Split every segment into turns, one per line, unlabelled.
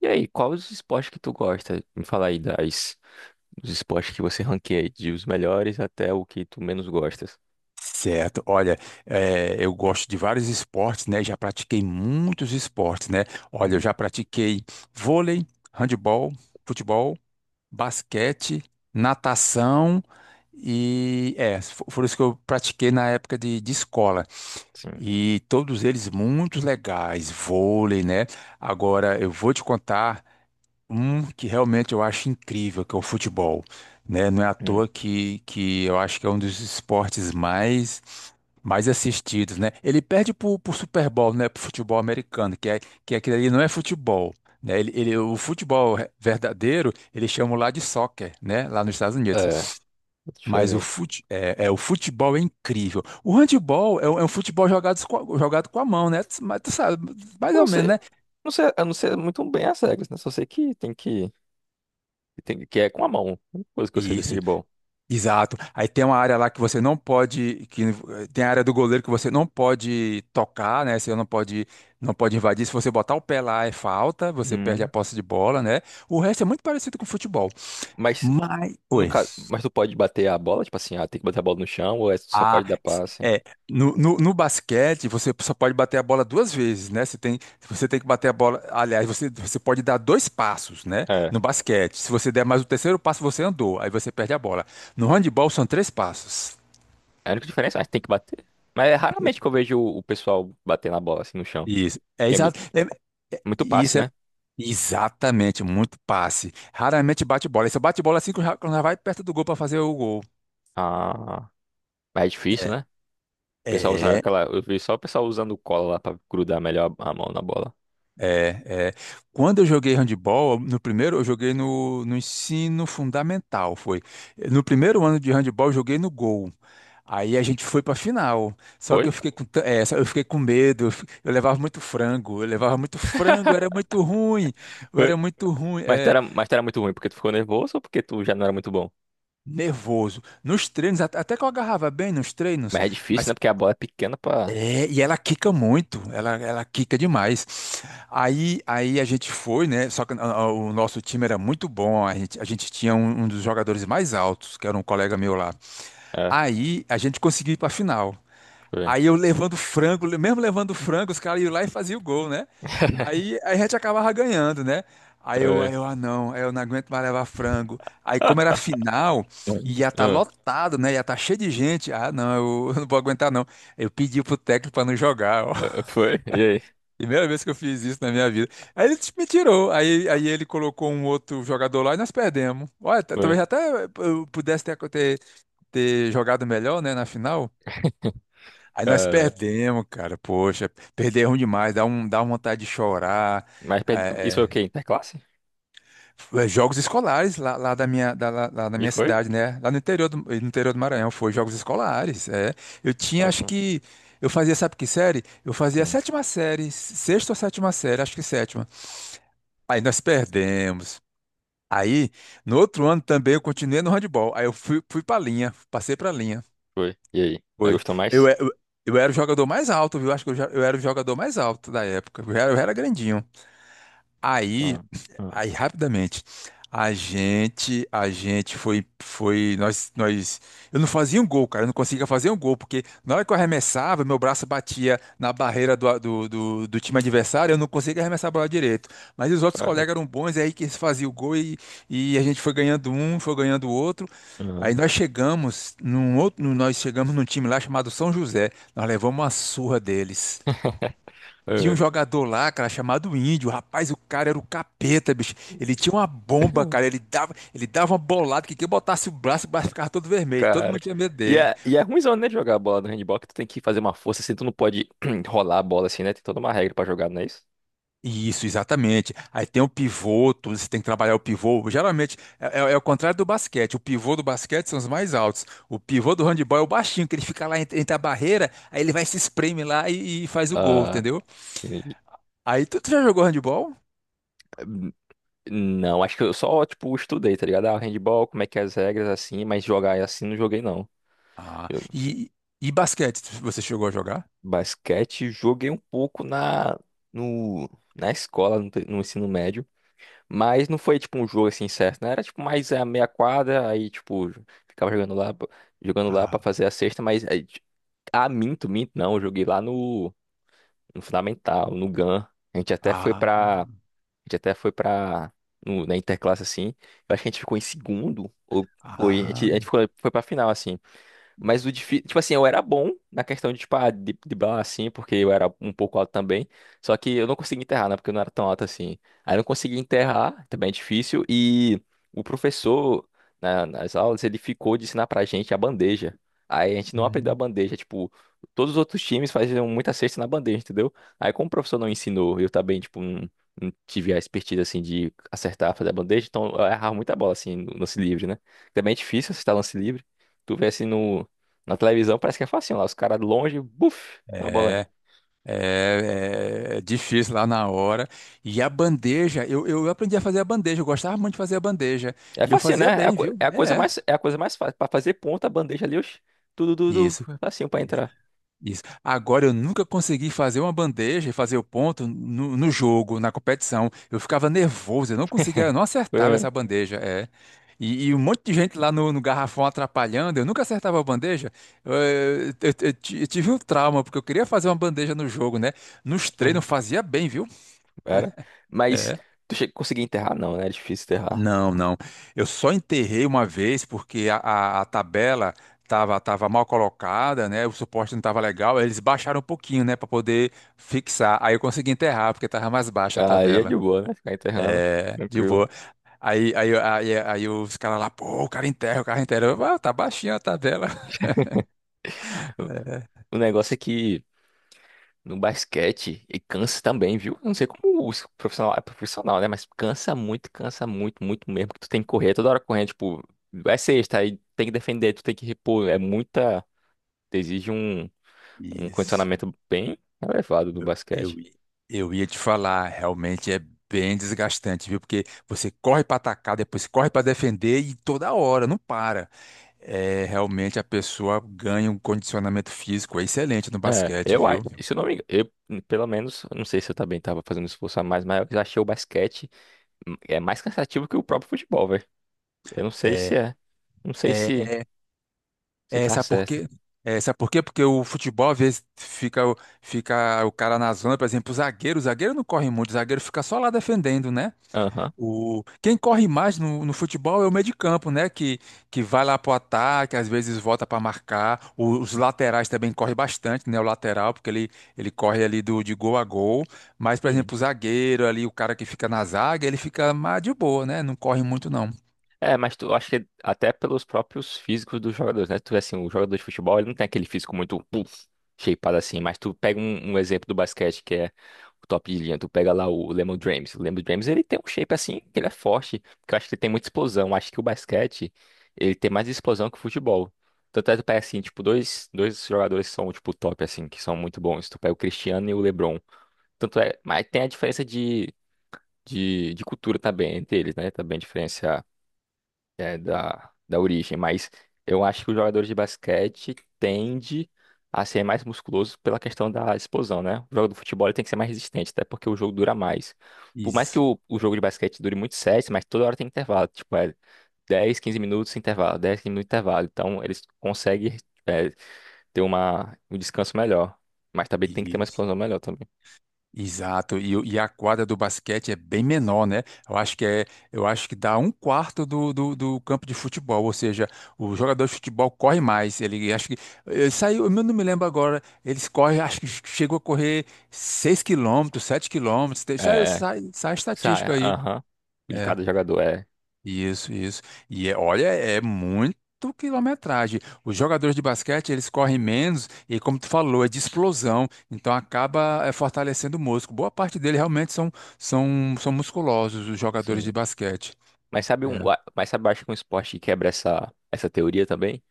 E aí, qual os esportes que tu gosta? Me fala aí dos esportes que você ranqueia, aí, de os melhores até o que tu menos gostas.
Certo, olha, eu gosto de vários esportes, né? Já pratiquei muitos esportes, né? Olha, eu
Hum,
já pratiquei vôlei, handebol, futebol, basquete, natação e foram os que eu pratiquei na época de escola.
sim.
E todos eles muito legais, vôlei, né? Agora eu vou te contar. Um que realmente eu acho incrível, que é o futebol, né? Não é à
Hum.
toa que eu acho que é um dos esportes mais assistidos, né? Ele perde pro Super Bowl, né? Pro futebol americano, que é que aquilo ali não é futebol, né? O futebol verdadeiro, eles chamam lá de soccer, né? Lá nos Estados Unidos.
É,
Mas
diferente.
o futebol é incrível. O handball é um futebol jogado, jogado com a mão, né? Mas tu sabe, mais
Eu não
ou menos,
sei,
né?
não sei, eu não sei muito bem as regras, né? Só sei que é com a mão, a única coisa que eu sei do
Isso.
handball.
Exato. Aí tem uma área lá que você não pode, tem a área do goleiro que você não pode tocar, né? Você não pode invadir. Se você botar o pé lá é falta, você perde a
Hum.
posse de bola, né? O resto é muito parecido com o futebol.
Mas,
Mas,
no
oi.
caso, tu pode bater a bola, tipo assim, tem que bater a bola no chão ou é, só
Ah,
pode dar passe?
é, no basquete você só pode bater a bola duas vezes, né? Você tem que bater a bola, aliás, você pode dar dois passos, né?
É.
No basquete. Se você der mais o terceiro passo, você andou, aí você perde a bola. No handebol são três passos.
É a única diferença, mas tem que bater. Mas é raramente que eu vejo o pessoal bater na bola assim no chão.
Isso, é
Que é mui-
exato.
muito passe,
Isso é
né?
exatamente muito passe. Raramente bate bola. Esse bate bola assim que já, quando já vai perto do gol para fazer o gol.
Ah, mas é difícil, né? O pessoal usa
É,
aquela. Eu vi só o pessoal usando cola lá pra grudar melhor a mão na bola.
é, é. Quando eu joguei handebol, no primeiro eu joguei no ensino fundamental, foi. No primeiro ano de handebol eu joguei no gol. Aí a gente foi pra final. Só que
Foi?
eu fiquei com, tan- é, só- eu fiquei com medo. Eu levava muito frango. Eu levava muito frango, eu era muito ruim. Eu
Foi.
era muito ruim.
Mas tu
É.
era, mas tu era muito ruim porque tu ficou nervoso ou porque tu já não era muito bom?
Nervoso. Nos treinos, até que eu agarrava bem nos treinos,
Mas é difícil,
mas
né? Porque a bola é pequena pra.
e ela quica muito, ela quica demais. Aí a gente foi, né? Só que o nosso time era muito bom, a gente tinha um dos jogadores mais altos, que era um colega meu lá.
É,
Aí a gente conseguiu ir para a final.
foi.
Aí eu levando frango, mesmo levando frango, os caras iam lá e faziam o gol, né? Aí a gente acabava ganhando, né? Aí eu,
É.
aí eu, ah não, aí eu não aguento mais levar frango. Aí
Ah,
como era final, ia estar
ah,
lotado, né? Ia estar cheio de gente. Ah não, eu não vou aguentar não. Eu pedi pro técnico pra não jogar, ó.
ah, foi? E aí?
Primeira vez que eu fiz isso na minha vida. Aí ele me tirou. Aí ele colocou um outro jogador lá e nós perdemos. Olha,
Foi.
talvez até eu pudesse ter jogado melhor, né, na final. Aí nós
Cara.
perdemos, cara. Poxa, perder é demais, dá uma vontade de chorar.
Mas isso foi o
É,
quê? Interclasse?
é. É, jogos escolares lá na
E
minha
foi?
cidade, né? Lá no interior do Maranhão, foi jogos escolares. É. Eu tinha,
Top,
acho
né?
que. Eu fazia, sabe que série? Eu fazia a
Hum.
sétima série, sexta ou sétima série, acho que sétima. Aí nós perdemos. Aí, no outro ano também eu continuei no handball. Aí eu fui pra linha, passei pra linha.
Foi. E aí? Aí
Foi.
gostou
Eu,
mais?
eu, eu era o jogador mais alto, viu? Acho que eu era o jogador mais alto da época. Eu era grandinho. Aí,
Ah, ah,
aí rapidamente, a gente foi, foi, eu não fazia um gol, cara, eu não conseguia fazer um gol, porque na hora que eu arremessava, meu braço batia na barreira do time adversário, eu não conseguia arremessar a bola direito. Mas os outros colegas
caraca.
eram bons, aí que eles faziam o gol e a gente foi ganhando o outro.
Aham.
Aí nós chegamos num time lá chamado São José, nós levamos uma surra deles. Tinha um
É.
jogador lá, cara, chamado Índio. Rapaz, o cara era o capeta, bicho. Ele tinha uma bomba, cara. Ele dava uma bolada que quem botasse o braço ficava todo vermelho. Todo
Cara.
mundo tinha medo
E
dele.
é, e é ruimzão, né, de jogar a bola no handball, que tu tem que fazer uma força, assim, tu não pode rolar a bola, assim, né? Tem toda uma regra pra jogar, não é isso?
Isso, exatamente. Aí tem o pivô, você tem que trabalhar o pivô. Geralmente é o contrário do basquete. O pivô do basquete são os mais altos. O pivô do handebol é o baixinho, que ele fica lá entre a barreira, aí ele vai se espreme lá e faz o gol,
Ah,
entendeu?
e-
Aí tu já jogou handebol?
hum, não, acho que eu só, tipo, estudei, tá ligado? Ah, handball, como é que é as regras, assim, mas jogar assim não joguei, não.
Ah,
Eu-
e basquete, você chegou a jogar?
Basquete, joguei um pouco no, na escola, no ensino médio. Mas não foi tipo um jogo assim certo, né? Era tipo mais a meia quadra, aí tipo, ficava jogando lá
Ah,
para fazer a cesta, mas aí, minto, minto, não, eu joguei lá no Fundamental, no GAN. A gente até foi pra,
ah.
gente até foi pra, na Interclasse assim, eu acho que a gente ficou em segundo, ou foi, a
Ah,
gente, a gente ficou, foi pra final assim. Mas o difícil, tipo assim, eu era bom na questão de, tipo, de bala, assim, porque eu era um pouco alto também. Só que eu não conseguia enterrar, né? Porque eu não era tão alto assim. Aí eu não conseguia enterrar, também é difícil. E o professor, nas aulas, ele ficou de ensinar pra gente a bandeja. Aí a gente não aprendeu a
hum.
bandeja, tipo, todos os outros times faziam muita cesta na bandeja, entendeu? Aí como o professor não ensinou, eu também, tipo, não, não tive a expertise, assim, de acertar, fazer a bandeja, então eu errava muita bola, assim, no lance livre, né? Também é difícil acertar lance livre. Tu vê assim no, na televisão parece que é facinho lá, os caras longe, buf, na bola, entra.
É, é, é difícil lá na hora. E a bandeja, eu aprendi a fazer a bandeja, eu gostava muito de fazer a bandeja.
É
E eu
facinho,
fazia
né? É a,
bem,
co-
viu?
é a coisa
É,
mais, é a coisa mais fácil. Pra fazer ponta, a bandeja ali, oxi, tudo, tudo,
isso.
tudo, facinho pra entrar.
Isso. Agora, eu nunca consegui fazer uma bandeja e fazer o ponto no jogo, na competição. Eu ficava nervoso, eu não conseguia, eu não acertava
É,
essa bandeja. É. E um monte de gente lá no garrafão atrapalhando, eu nunca acertava a bandeja. Eu tive um trauma, porque eu queria fazer uma bandeja no jogo, né? Nos treinos eu
é.
fazia bem, viu?
Era. Mas
É.
tu chega, conseguir enterrar, não, né? É difícil enterrar.
Não, não. Eu só enterrei uma vez porque a tabela estava tava tava mal colocada, né? O suporte não estava legal. Aí eles baixaram um pouquinho, né, para poder fixar. Aí eu consegui enterrar porque estava mais baixa a
Aí é de
tabela.
boa, né? Ficar enterrando,
É, de
tranquilo.
boa. Aí os caras lá, pô, o cara enterra, o cara enterra. Eu, ah, tá baixinha a tabela. É,
O negócio é que no basquete, e cansa também, viu? Eu não sei como os profissional é profissional, né? Mas cansa muito, muito mesmo. Que tu tem que correr toda hora correndo, tipo, é sexta, aí tem que defender, tu tem que repor. É muita. Exige um
isso.
condicionamento bem elevado do
Eu, eu,
basquete.
eu ia te falar, realmente é bem desgastante, viu? Porque você corre para atacar, depois corre para defender e toda hora, não para. É, realmente a pessoa ganha um condicionamento físico excelente no
É,
basquete, viu?
se eu não me engano, eu, pelo menos, eu não sei se eu também tava fazendo um esforço a mais, mas eu achei o basquete é mais cansativo que o próprio futebol, velho. Eu não sei se
É,
é. Não
é,
sei se,
é,
se
é,
tá
sabe por
certo.
quê? É, sabe por quê? Porque o futebol, às vezes, fica o cara na zona, por exemplo, o zagueiro não corre muito, o zagueiro fica só lá defendendo, né?
Aham.
Quem corre mais no futebol é o meio de campo, né? Que vai lá pro ataque, às vezes volta para marcar. Os laterais também correm bastante, né? O lateral, porque ele corre ali de gol a gol. Mas, por exemplo, o zagueiro ali, o cara que fica na zaga, ele fica mais de boa, né? Não corre muito, não.
É, mas tu acho que até pelos próprios físicos dos jogadores, né? Tu vê assim, o jogador de futebol, ele não tem aquele físico muito puff, shapeado assim, mas tu pega um exemplo do basquete que é o top de linha, tu pega lá o Lemon James. O Lemon James, ele tem um shape assim, que ele é forte, que eu acho que ele tem muita explosão. Eu acho que o basquete, ele tem mais explosão que o futebol. Tanto é que tu pega assim, tipo, dois jogadores que são tipo top assim, que são muito bons. Tu pega o Cristiano e o LeBron. Tanto é, mas tem a diferença de, de cultura também entre eles, né? Também a diferença é, da origem, mas eu acho que os jogadores de basquete tendem a ser mais musculosos pela questão da explosão, né? O jogo do futebol ele tem que ser mais resistente, até porque o jogo dura mais. Por mais que
Isso,
o jogo de basquete dure muitos sets, mas toda hora tem intervalo, tipo, é 10, 15 minutos intervalo, 10 15 minutos intervalo. Então eles conseguem é, ter um descanso melhor, mas também tem que ter uma
isso.
explosão melhor também.
Exato, e a quadra do basquete é bem menor, né? Eu acho que dá um quarto do campo de futebol, ou seja, o jogador de futebol corre mais. Ele acho que ele saiu, eu não me lembro agora, eles correm, acho que chegou a correr 6 quilômetros, 7 quilômetros,
É,
sai,
é.
sai, sai a estatística aí.
Aham, de
É.
cada jogador, é,
Isso, isso. E olha, é muito quilometragem. Os jogadores de basquete, eles correm menos e, como tu falou, é de explosão, então acaba fortalecendo o músculo. Boa parte dele realmente são musculosos, os jogadores de
sim.
basquete.
Mas sabe um,
É,
mas sabe, eu acho que um esporte que quebra essa teoria também?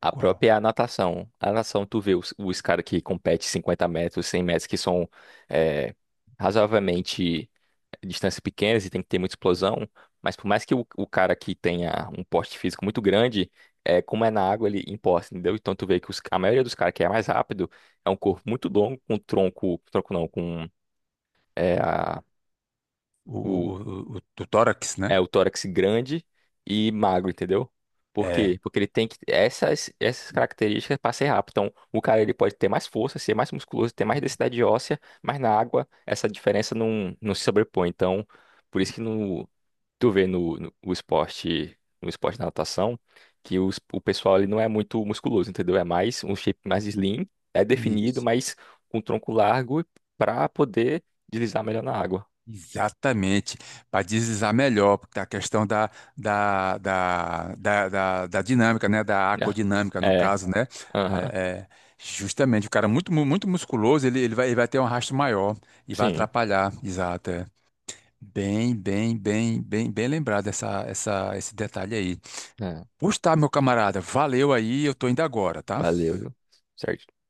A
qual?
própria natação. A natação, tu vê os caras que competem 50 metros, 100 metros, que são é, razoavelmente distâncias pequenas e tem que ter muita explosão, mas por mais que o cara que tenha um porte físico muito grande, como é na água, ele imposta, entendeu? Então tu vê que a maioria dos caras que é mais rápido é um corpo muito longo, com tronco, tronco não. É, a,
O, o, o tórax,
É
né?
o tórax grande e magro, entendeu? Por
É.
quê? Porque ele tem que essas características para ser rápido. Então, o cara ele pode ter mais força, ser mais musculoso, ter mais densidade óssea, mas na água essa diferença não, não se sobrepõe. Então, por isso que tu vê no esporte da natação, que o pessoal ele não é muito musculoso, entendeu? É mais um shape mais slim, é definido,
Isso.
mas com tronco largo para poder deslizar melhor na água.
Exatamente, para deslizar melhor, porque a questão da dinâmica, né? Da
Né?
aquodinâmica, no
É.
caso, né?
Aham.
É, é, justamente, o cara muito musculoso, ele vai ter um arrasto maior e vai
Sim.
atrapalhar. Exato, é. Bem lembrado esse detalhe aí.
É.
Pois tá, meu camarada, valeu aí, eu tô indo agora, tá?
Valeu, viu? Certinho.